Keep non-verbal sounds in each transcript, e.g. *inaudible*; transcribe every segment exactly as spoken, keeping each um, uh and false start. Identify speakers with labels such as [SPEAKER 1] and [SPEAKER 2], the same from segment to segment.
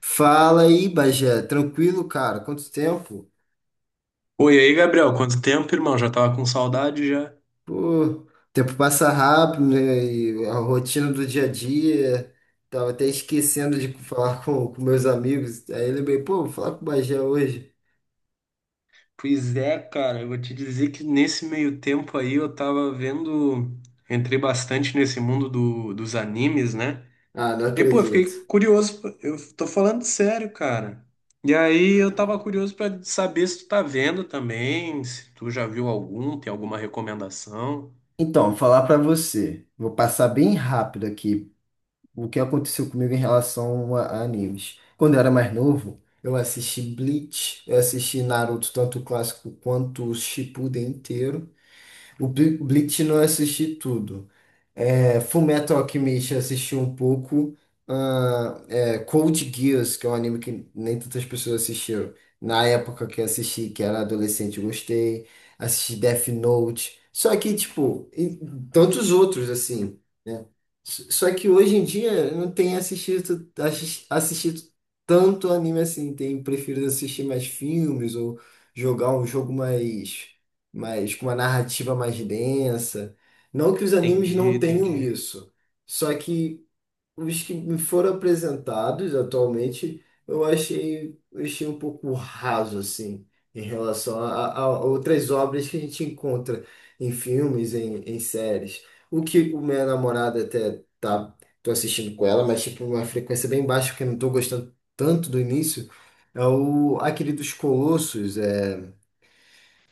[SPEAKER 1] Fala aí, Bagé. Tranquilo, cara? Quanto tempo?
[SPEAKER 2] Oi, e aí, Gabriel, quanto tempo, irmão? Já tava com saudade já.
[SPEAKER 1] Pô, o tempo passa rápido, né? E a rotina do dia a dia. Tava até esquecendo
[SPEAKER 2] P-
[SPEAKER 1] de falar com, com meus amigos. Aí lembrei, pô, vou falar com o Bagé hoje.
[SPEAKER 2] Pois é, cara, eu vou te dizer que nesse meio tempo aí eu tava vendo, entrei bastante nesse mundo do, dos animes, né?
[SPEAKER 1] Ah, não
[SPEAKER 2] E pô, eu
[SPEAKER 1] acredito.
[SPEAKER 2] fiquei curioso, pô, eu tô falando sério, cara. E aí eu tava curioso pra saber se tu tá vendo também, se tu já viu algum, tem alguma recomendação.
[SPEAKER 1] Então, vou falar pra você. Vou passar bem rápido aqui o que aconteceu comigo em relação a, a animes. Quando eu era mais novo, eu assisti Bleach, eu assisti Naruto, tanto o clássico quanto o Shippuden inteiro. O Bli- Bleach não assisti tudo. É, Fullmetal Alchemist eu assisti um pouco. Ah, é, Code Geass, que é um anime que nem tantas pessoas assistiram. Na época que eu assisti, que era adolescente, eu gostei. Assisti Death Note. Só que, tipo, e tantos outros, assim, né? S- Só que hoje em dia eu não tenho assistido, assis- assistido tanto anime assim. Tenho preferido assistir mais filmes ou jogar um jogo mais, mais com uma narrativa mais densa. Não que os animes
[SPEAKER 2] Entendi,
[SPEAKER 1] não tenham
[SPEAKER 2] entendi.
[SPEAKER 1] isso, só que os que me foram apresentados atualmente, eu achei, eu achei um pouco raso, assim, em relação a, a- a outras obras que a gente encontra em filmes, em, em séries. O que o minha namorada até tá, tô assistindo com ela, mas tipo uma frequência bem baixa, porque eu não tô gostando tanto do início, é o aquele dos Colossos, é,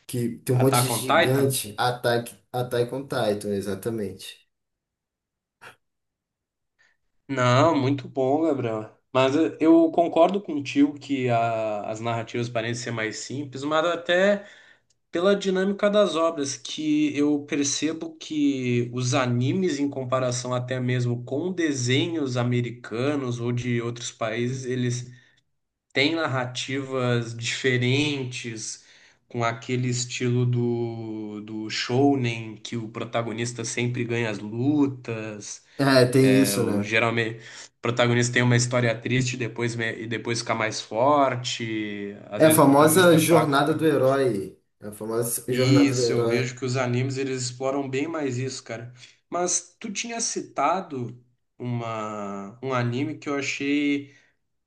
[SPEAKER 1] que tem um monte de
[SPEAKER 2] Attack on Titan?
[SPEAKER 1] gigante, Attack, Attack on Titan, exatamente.
[SPEAKER 2] Não, muito bom, Gabriel. Mas eh, eu concordo contigo que a- as narrativas parecem ser mais simples, mas até pela dinâmica das obras, que eu percebo que os animes, em comparação até mesmo com desenhos americanos ou de outros países, eles têm narrativas diferentes, com aquele estilo do, do shounen, que o protagonista sempre ganha as lutas.
[SPEAKER 1] É, tem
[SPEAKER 2] É,
[SPEAKER 1] isso,
[SPEAKER 2] o,
[SPEAKER 1] né?
[SPEAKER 2] geralmente, o protagonista tem uma história triste e depois, me- e depois fica mais forte. Às
[SPEAKER 1] É a
[SPEAKER 2] vezes o protagonista
[SPEAKER 1] famosa
[SPEAKER 2] é fraco,
[SPEAKER 1] jornada
[SPEAKER 2] fica.
[SPEAKER 1] do herói. É a famosa jornada do
[SPEAKER 2] Isso, eu
[SPEAKER 1] herói.
[SPEAKER 2] vejo que os animes eles exploram bem mais isso, cara. Mas tu tinha citado uma, um anime que eu achei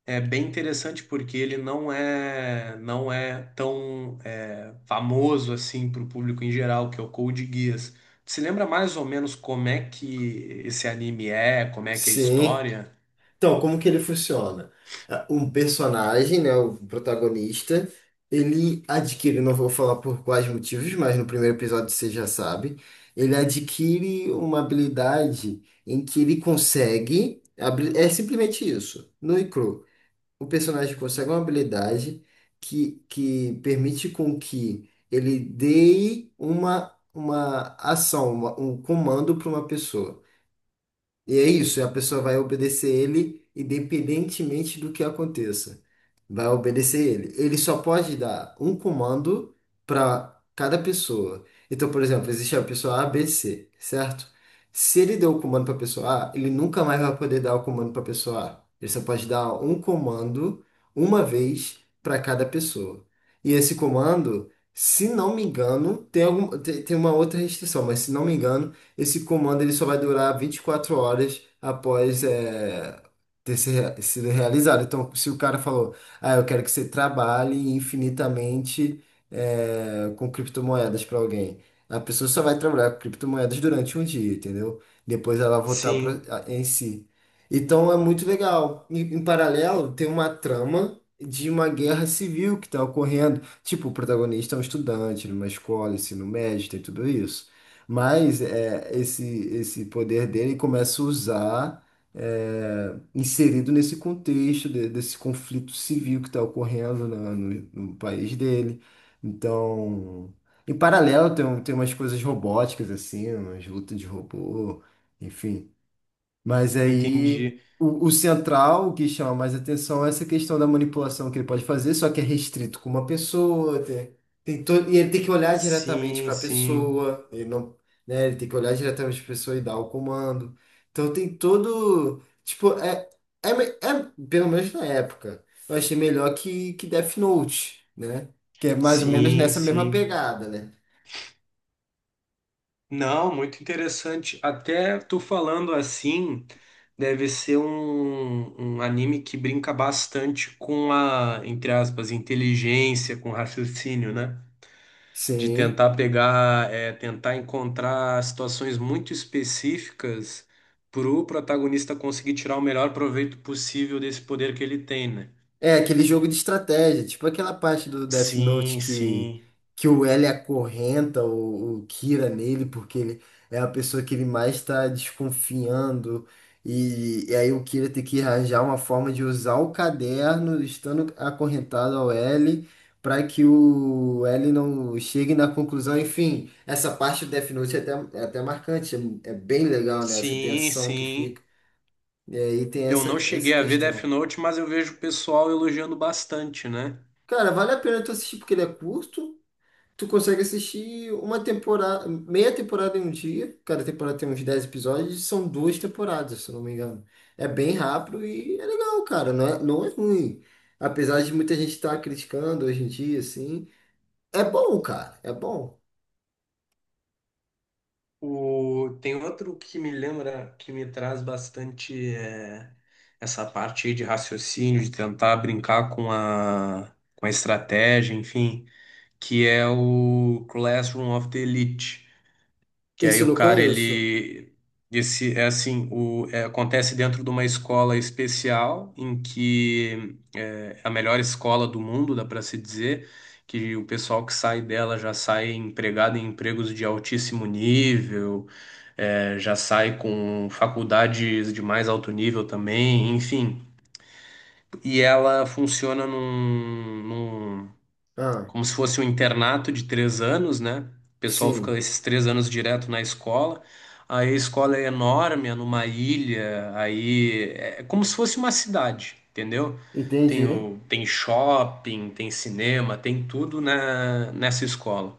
[SPEAKER 2] é, bem interessante porque ele não é não é tão é, famoso assim para o público em geral, que é o Code Geass. Tu se lembra mais ou menos como é que esse anime é, como é que é a
[SPEAKER 1] Sim.
[SPEAKER 2] história?
[SPEAKER 1] Então, como que ele funciona? Ah, um personagem, né, o protagonista, ele adquire, não vou falar por quais motivos, mas no primeiro episódio você já sabe, ele adquire uma habilidade em que ele consegue, abrir. É simplesmente isso, no e cru. O personagem consegue uma habilidade que, que permite com que ele dê uma, uma ação, uma- um comando para uma pessoa. E é isso, a pessoa vai obedecer ele independentemente do que aconteça. Vai obedecer ele. Ele só pode dar um comando para cada pessoa. Então, por exemplo, existe a pessoa A B C, certo? Se ele deu o comando para a pessoa A, ele nunca mais vai poder dar o comando para a pessoa A. Ele só pode dar um comando uma vez para cada pessoa. E esse comando, se não me engano, tem, algum, tem, tem uma outra restrição, mas se não me engano, esse comando ele só vai durar vinte e quatro horas após é, ter se rea- sido realizado. Então, se o cara falou, ah, eu quero que você trabalhe infinitamente é, com criptomoedas para alguém, a pessoa só vai trabalhar com criptomoedas durante um dia, entendeu? Depois ela voltar pra,
[SPEAKER 2] Sim,
[SPEAKER 1] a- em si. Então é muito legal. Em, em paralelo, tem uma trama de uma guerra civil que está ocorrendo. Tipo, o protagonista é um estudante numa escola, ensino médio, tem tudo isso. Mas é, esse, esse poder dele começa a usar, é, inserido nesse contexto de- desse conflito civil que está ocorrendo na- no, no país dele. Então, em paralelo, tem, um- tem umas coisas robóticas, assim, umas lutas de robô, enfim. Mas aí
[SPEAKER 2] entendi.
[SPEAKER 1] o, o central, o que chama mais atenção é essa questão da manipulação que ele pode fazer, só que é restrito com uma pessoa, tem, tem to- e ele tem que olhar diretamente
[SPEAKER 2] Sim,
[SPEAKER 1] para a
[SPEAKER 2] sim,
[SPEAKER 1] pessoa, ele não, né, ele tem que olhar diretamente para a pessoa e dar o comando. Então tem todo, tipo, é, é, me- é pelo menos na época, eu achei melhor que, que Death Note, né? Que é mais ou menos
[SPEAKER 2] sim,
[SPEAKER 1] nessa mesma
[SPEAKER 2] sim.
[SPEAKER 1] pegada, né?
[SPEAKER 2] Não, muito interessante. Até tu falando assim, deve ser um, um anime que brinca bastante com a, entre aspas, inteligência, com raciocínio, né? De
[SPEAKER 1] Sim.
[SPEAKER 2] tentar pegar, é, tentar encontrar situações muito específicas pro protagonista conseguir tirar o melhor proveito possível desse poder que ele tem, né?
[SPEAKER 1] É, aquele jogo de estratégia, tipo aquela parte do Death Note
[SPEAKER 2] Sim,
[SPEAKER 1] que,
[SPEAKER 2] sim.
[SPEAKER 1] que o L acorrenta o, o Kira nele, porque ele é a pessoa que ele mais está desconfiando, e, e aí o Kira tem que arranjar uma forma de usar o caderno, estando acorrentado ao L, para que o L não chegue na conclusão. Enfim, essa parte do Death Note é até, é até marcante, é, é bem legal, né? Essa
[SPEAKER 2] Sim,
[SPEAKER 1] tensão que fica.
[SPEAKER 2] sim.
[SPEAKER 1] E aí tem
[SPEAKER 2] Eu
[SPEAKER 1] essa,
[SPEAKER 2] não
[SPEAKER 1] essa
[SPEAKER 2] cheguei a ver Death
[SPEAKER 1] questão.
[SPEAKER 2] Note, mas eu vejo o pessoal elogiando bastante, né?
[SPEAKER 1] Cara, vale a pena tu assistir porque ele é curto. Tu consegue assistir uma temporada, meia temporada em um dia. Cada temporada tem uns dez episódios, são duas temporadas, se eu não me engano. É bem rápido e é legal, cara. Não é, não é ruim. Apesar de muita gente estar criticando hoje em dia, assim. É bom, cara. É bom.
[SPEAKER 2] O... Tem outro que me lembra, que me traz bastante é, essa parte aí de raciocínio, de tentar brincar com a, com a, estratégia, enfim, que é o Classroom of the Elite. Que aí
[SPEAKER 1] Esse eu
[SPEAKER 2] o
[SPEAKER 1] não
[SPEAKER 2] cara,
[SPEAKER 1] conheço.
[SPEAKER 2] ele. Esse, é assim, o, é, acontece dentro de uma escola especial, em que é a melhor escola do mundo, dá para se dizer, que o pessoal que sai dela já sai empregado em empregos de altíssimo nível, é, já sai com faculdades de mais alto nível também, enfim. E ela funciona num,
[SPEAKER 1] Ah,
[SPEAKER 2] como se fosse um internato de três anos, né? O pessoal fica
[SPEAKER 1] sim.
[SPEAKER 2] esses três anos direto na escola. Aí a escola é enorme, é numa ilha, aí é é como se fosse uma cidade, entendeu? Tem,
[SPEAKER 1] Entendi.
[SPEAKER 2] o, tem shopping, tem cinema, tem tudo na, nessa escola.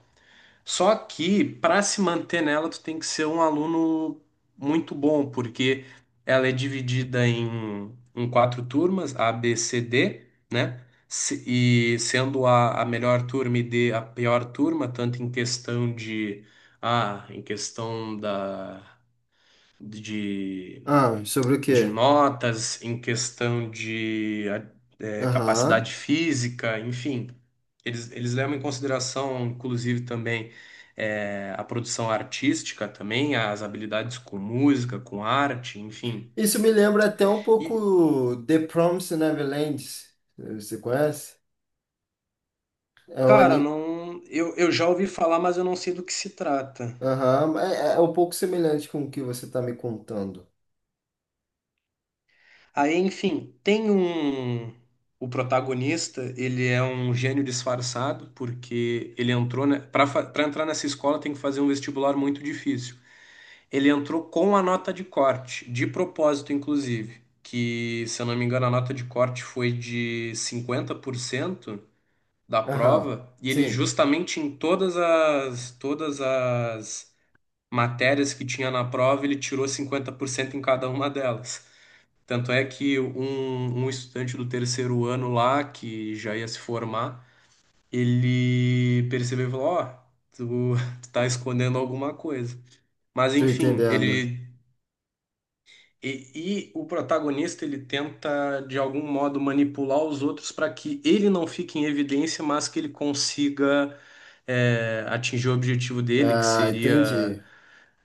[SPEAKER 2] Só que para se manter nela, tu tem que ser um aluno muito bom, porque ela é dividida em, em quatro turmas, A, B, C, D, né? Se- E sendo a, a melhor turma e D a pior turma, tanto em questão de A, em questão da, de
[SPEAKER 1] Ah, sobre o
[SPEAKER 2] de
[SPEAKER 1] quê?
[SPEAKER 2] notas, em questão de eh,
[SPEAKER 1] Aham.
[SPEAKER 2] capacidade física, enfim. Eles, eles levam em consideração, inclusive, também eh, a produção artística, também as habilidades com música, com arte, enfim.
[SPEAKER 1] Isso me lembra até um
[SPEAKER 2] E,
[SPEAKER 1] pouco The Promised Neverland. Você conhece? É um,
[SPEAKER 2] cara,
[SPEAKER 1] ani-
[SPEAKER 2] não, eu, eu já ouvi falar, mas eu não sei do que se trata.
[SPEAKER 1] Aham, é, é é um pouco semelhante com o que você está me contando.
[SPEAKER 2] Aí, enfim, tem um. O protagonista, ele é um gênio disfarçado, porque ele entrou, né, para entrar nessa escola tem que fazer um vestibular muito difícil. Ele entrou com a nota de corte, de propósito, inclusive, que, se eu não me engano, a nota de corte foi de cinquenta por cento da
[SPEAKER 1] Aham,
[SPEAKER 2] prova, e ele
[SPEAKER 1] sim,
[SPEAKER 2] justamente em todas as todas as matérias que tinha na prova, ele tirou cinquenta por cento em cada uma delas. Tanto é que um, um estudante do terceiro ano lá, que já ia se formar, ele percebeu e falou, ó, tu, *laughs* tu tá escondendo alguma coisa. Mas
[SPEAKER 1] tô
[SPEAKER 2] enfim,
[SPEAKER 1] entendendo.
[SPEAKER 2] ele. E, e o protagonista ele tenta de algum modo manipular os outros para que ele não fique em evidência, mas que ele consiga é, atingir o objetivo dele, que
[SPEAKER 1] Ah,
[SPEAKER 2] seria
[SPEAKER 1] entendi.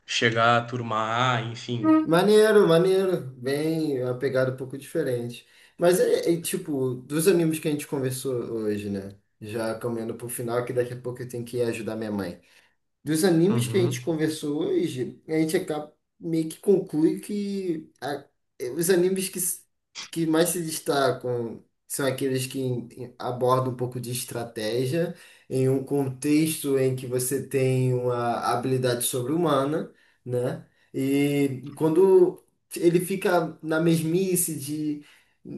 [SPEAKER 2] chegar à turma A, enfim.
[SPEAKER 1] Maneiro, maneiro. Bem, é uma pegada um pouco diferente. Mas é, é, tipo, dos animes que a gente conversou hoje, né? Já caminhando pro final, que daqui a pouco eu tenho que ir ajudar minha mãe. Dos animes que a gente
[SPEAKER 2] Uhum.
[SPEAKER 1] conversou hoje, a gente acaba, meio que conclui que a- eh, os animes que, s- que mais se destacam são aqueles que em- em- abordam um pouco de estratégia em um contexto em que você tem uma habilidade sobre-humana, né? E quando ele fica na mesmice de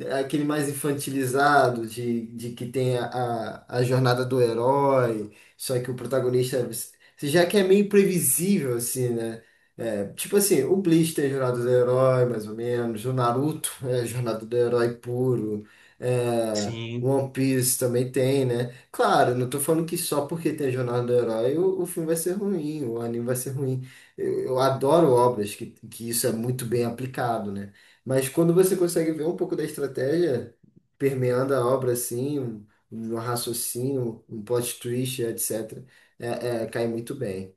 [SPEAKER 1] eh, aquele mais infantilizado, de, de que tem a, a a jornada do herói, só que o protagonista é já que é meio previsível, assim, né? É, tipo assim, o Bleach tem Jornada do Herói, mais ou menos. O Naruto é Jornada do Herói puro. É,
[SPEAKER 2] Sim.
[SPEAKER 1] One Piece também tem, né? Claro, não tô falando que só porque tem Jornada do Herói o, o filme vai ser ruim, o anime vai ser ruim. Eu, eu adoro obras que, que isso é muito bem aplicado, né? Mas quando você consegue ver um pouco da estratégia permeando a obra, assim, um, um raciocínio, um plot twist, et cetera. É, é, cai muito bem.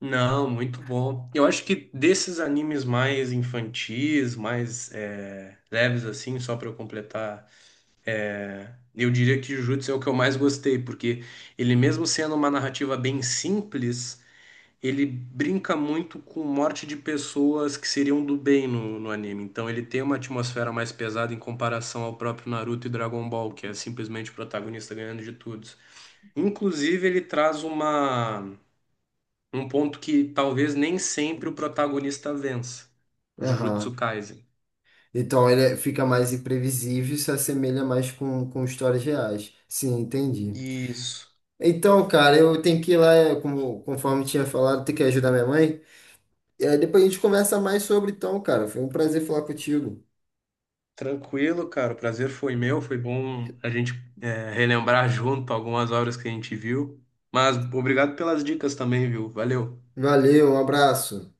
[SPEAKER 2] Não, muito bom. Eu acho que desses animes mais infantis, mais é, leves assim, só para eu completar, eu diria que Jujutsu é o que eu mais gostei, porque ele mesmo sendo uma narrativa bem simples ele brinca muito com morte de pessoas que seriam do bem no, no anime. Então ele tem uma atmosfera mais pesada em comparação ao próprio Naruto e Dragon Ball, que é simplesmente o protagonista ganhando de todos. Inclusive, ele traz uma, um ponto que talvez nem sempre o protagonista vença, Jujutsu
[SPEAKER 1] Aham.
[SPEAKER 2] Kaisen.
[SPEAKER 1] Então ele é- fica mais imprevisível e se assemelha mais com, com histórias reais. Sim, entendi.
[SPEAKER 2] Isso.
[SPEAKER 1] Então, cara, eu tenho que ir lá, é, como, conforme tinha falado, ter que ajudar minha mãe. E aí depois a gente conversa mais sobre, então, cara. Foi um prazer falar contigo.
[SPEAKER 2] Tranquilo, cara. O prazer foi meu. Foi bom a gente é, relembrar junto algumas obras que a gente viu. Mas obrigado pelas dicas também, viu? Valeu.
[SPEAKER 1] Valeu, um abraço.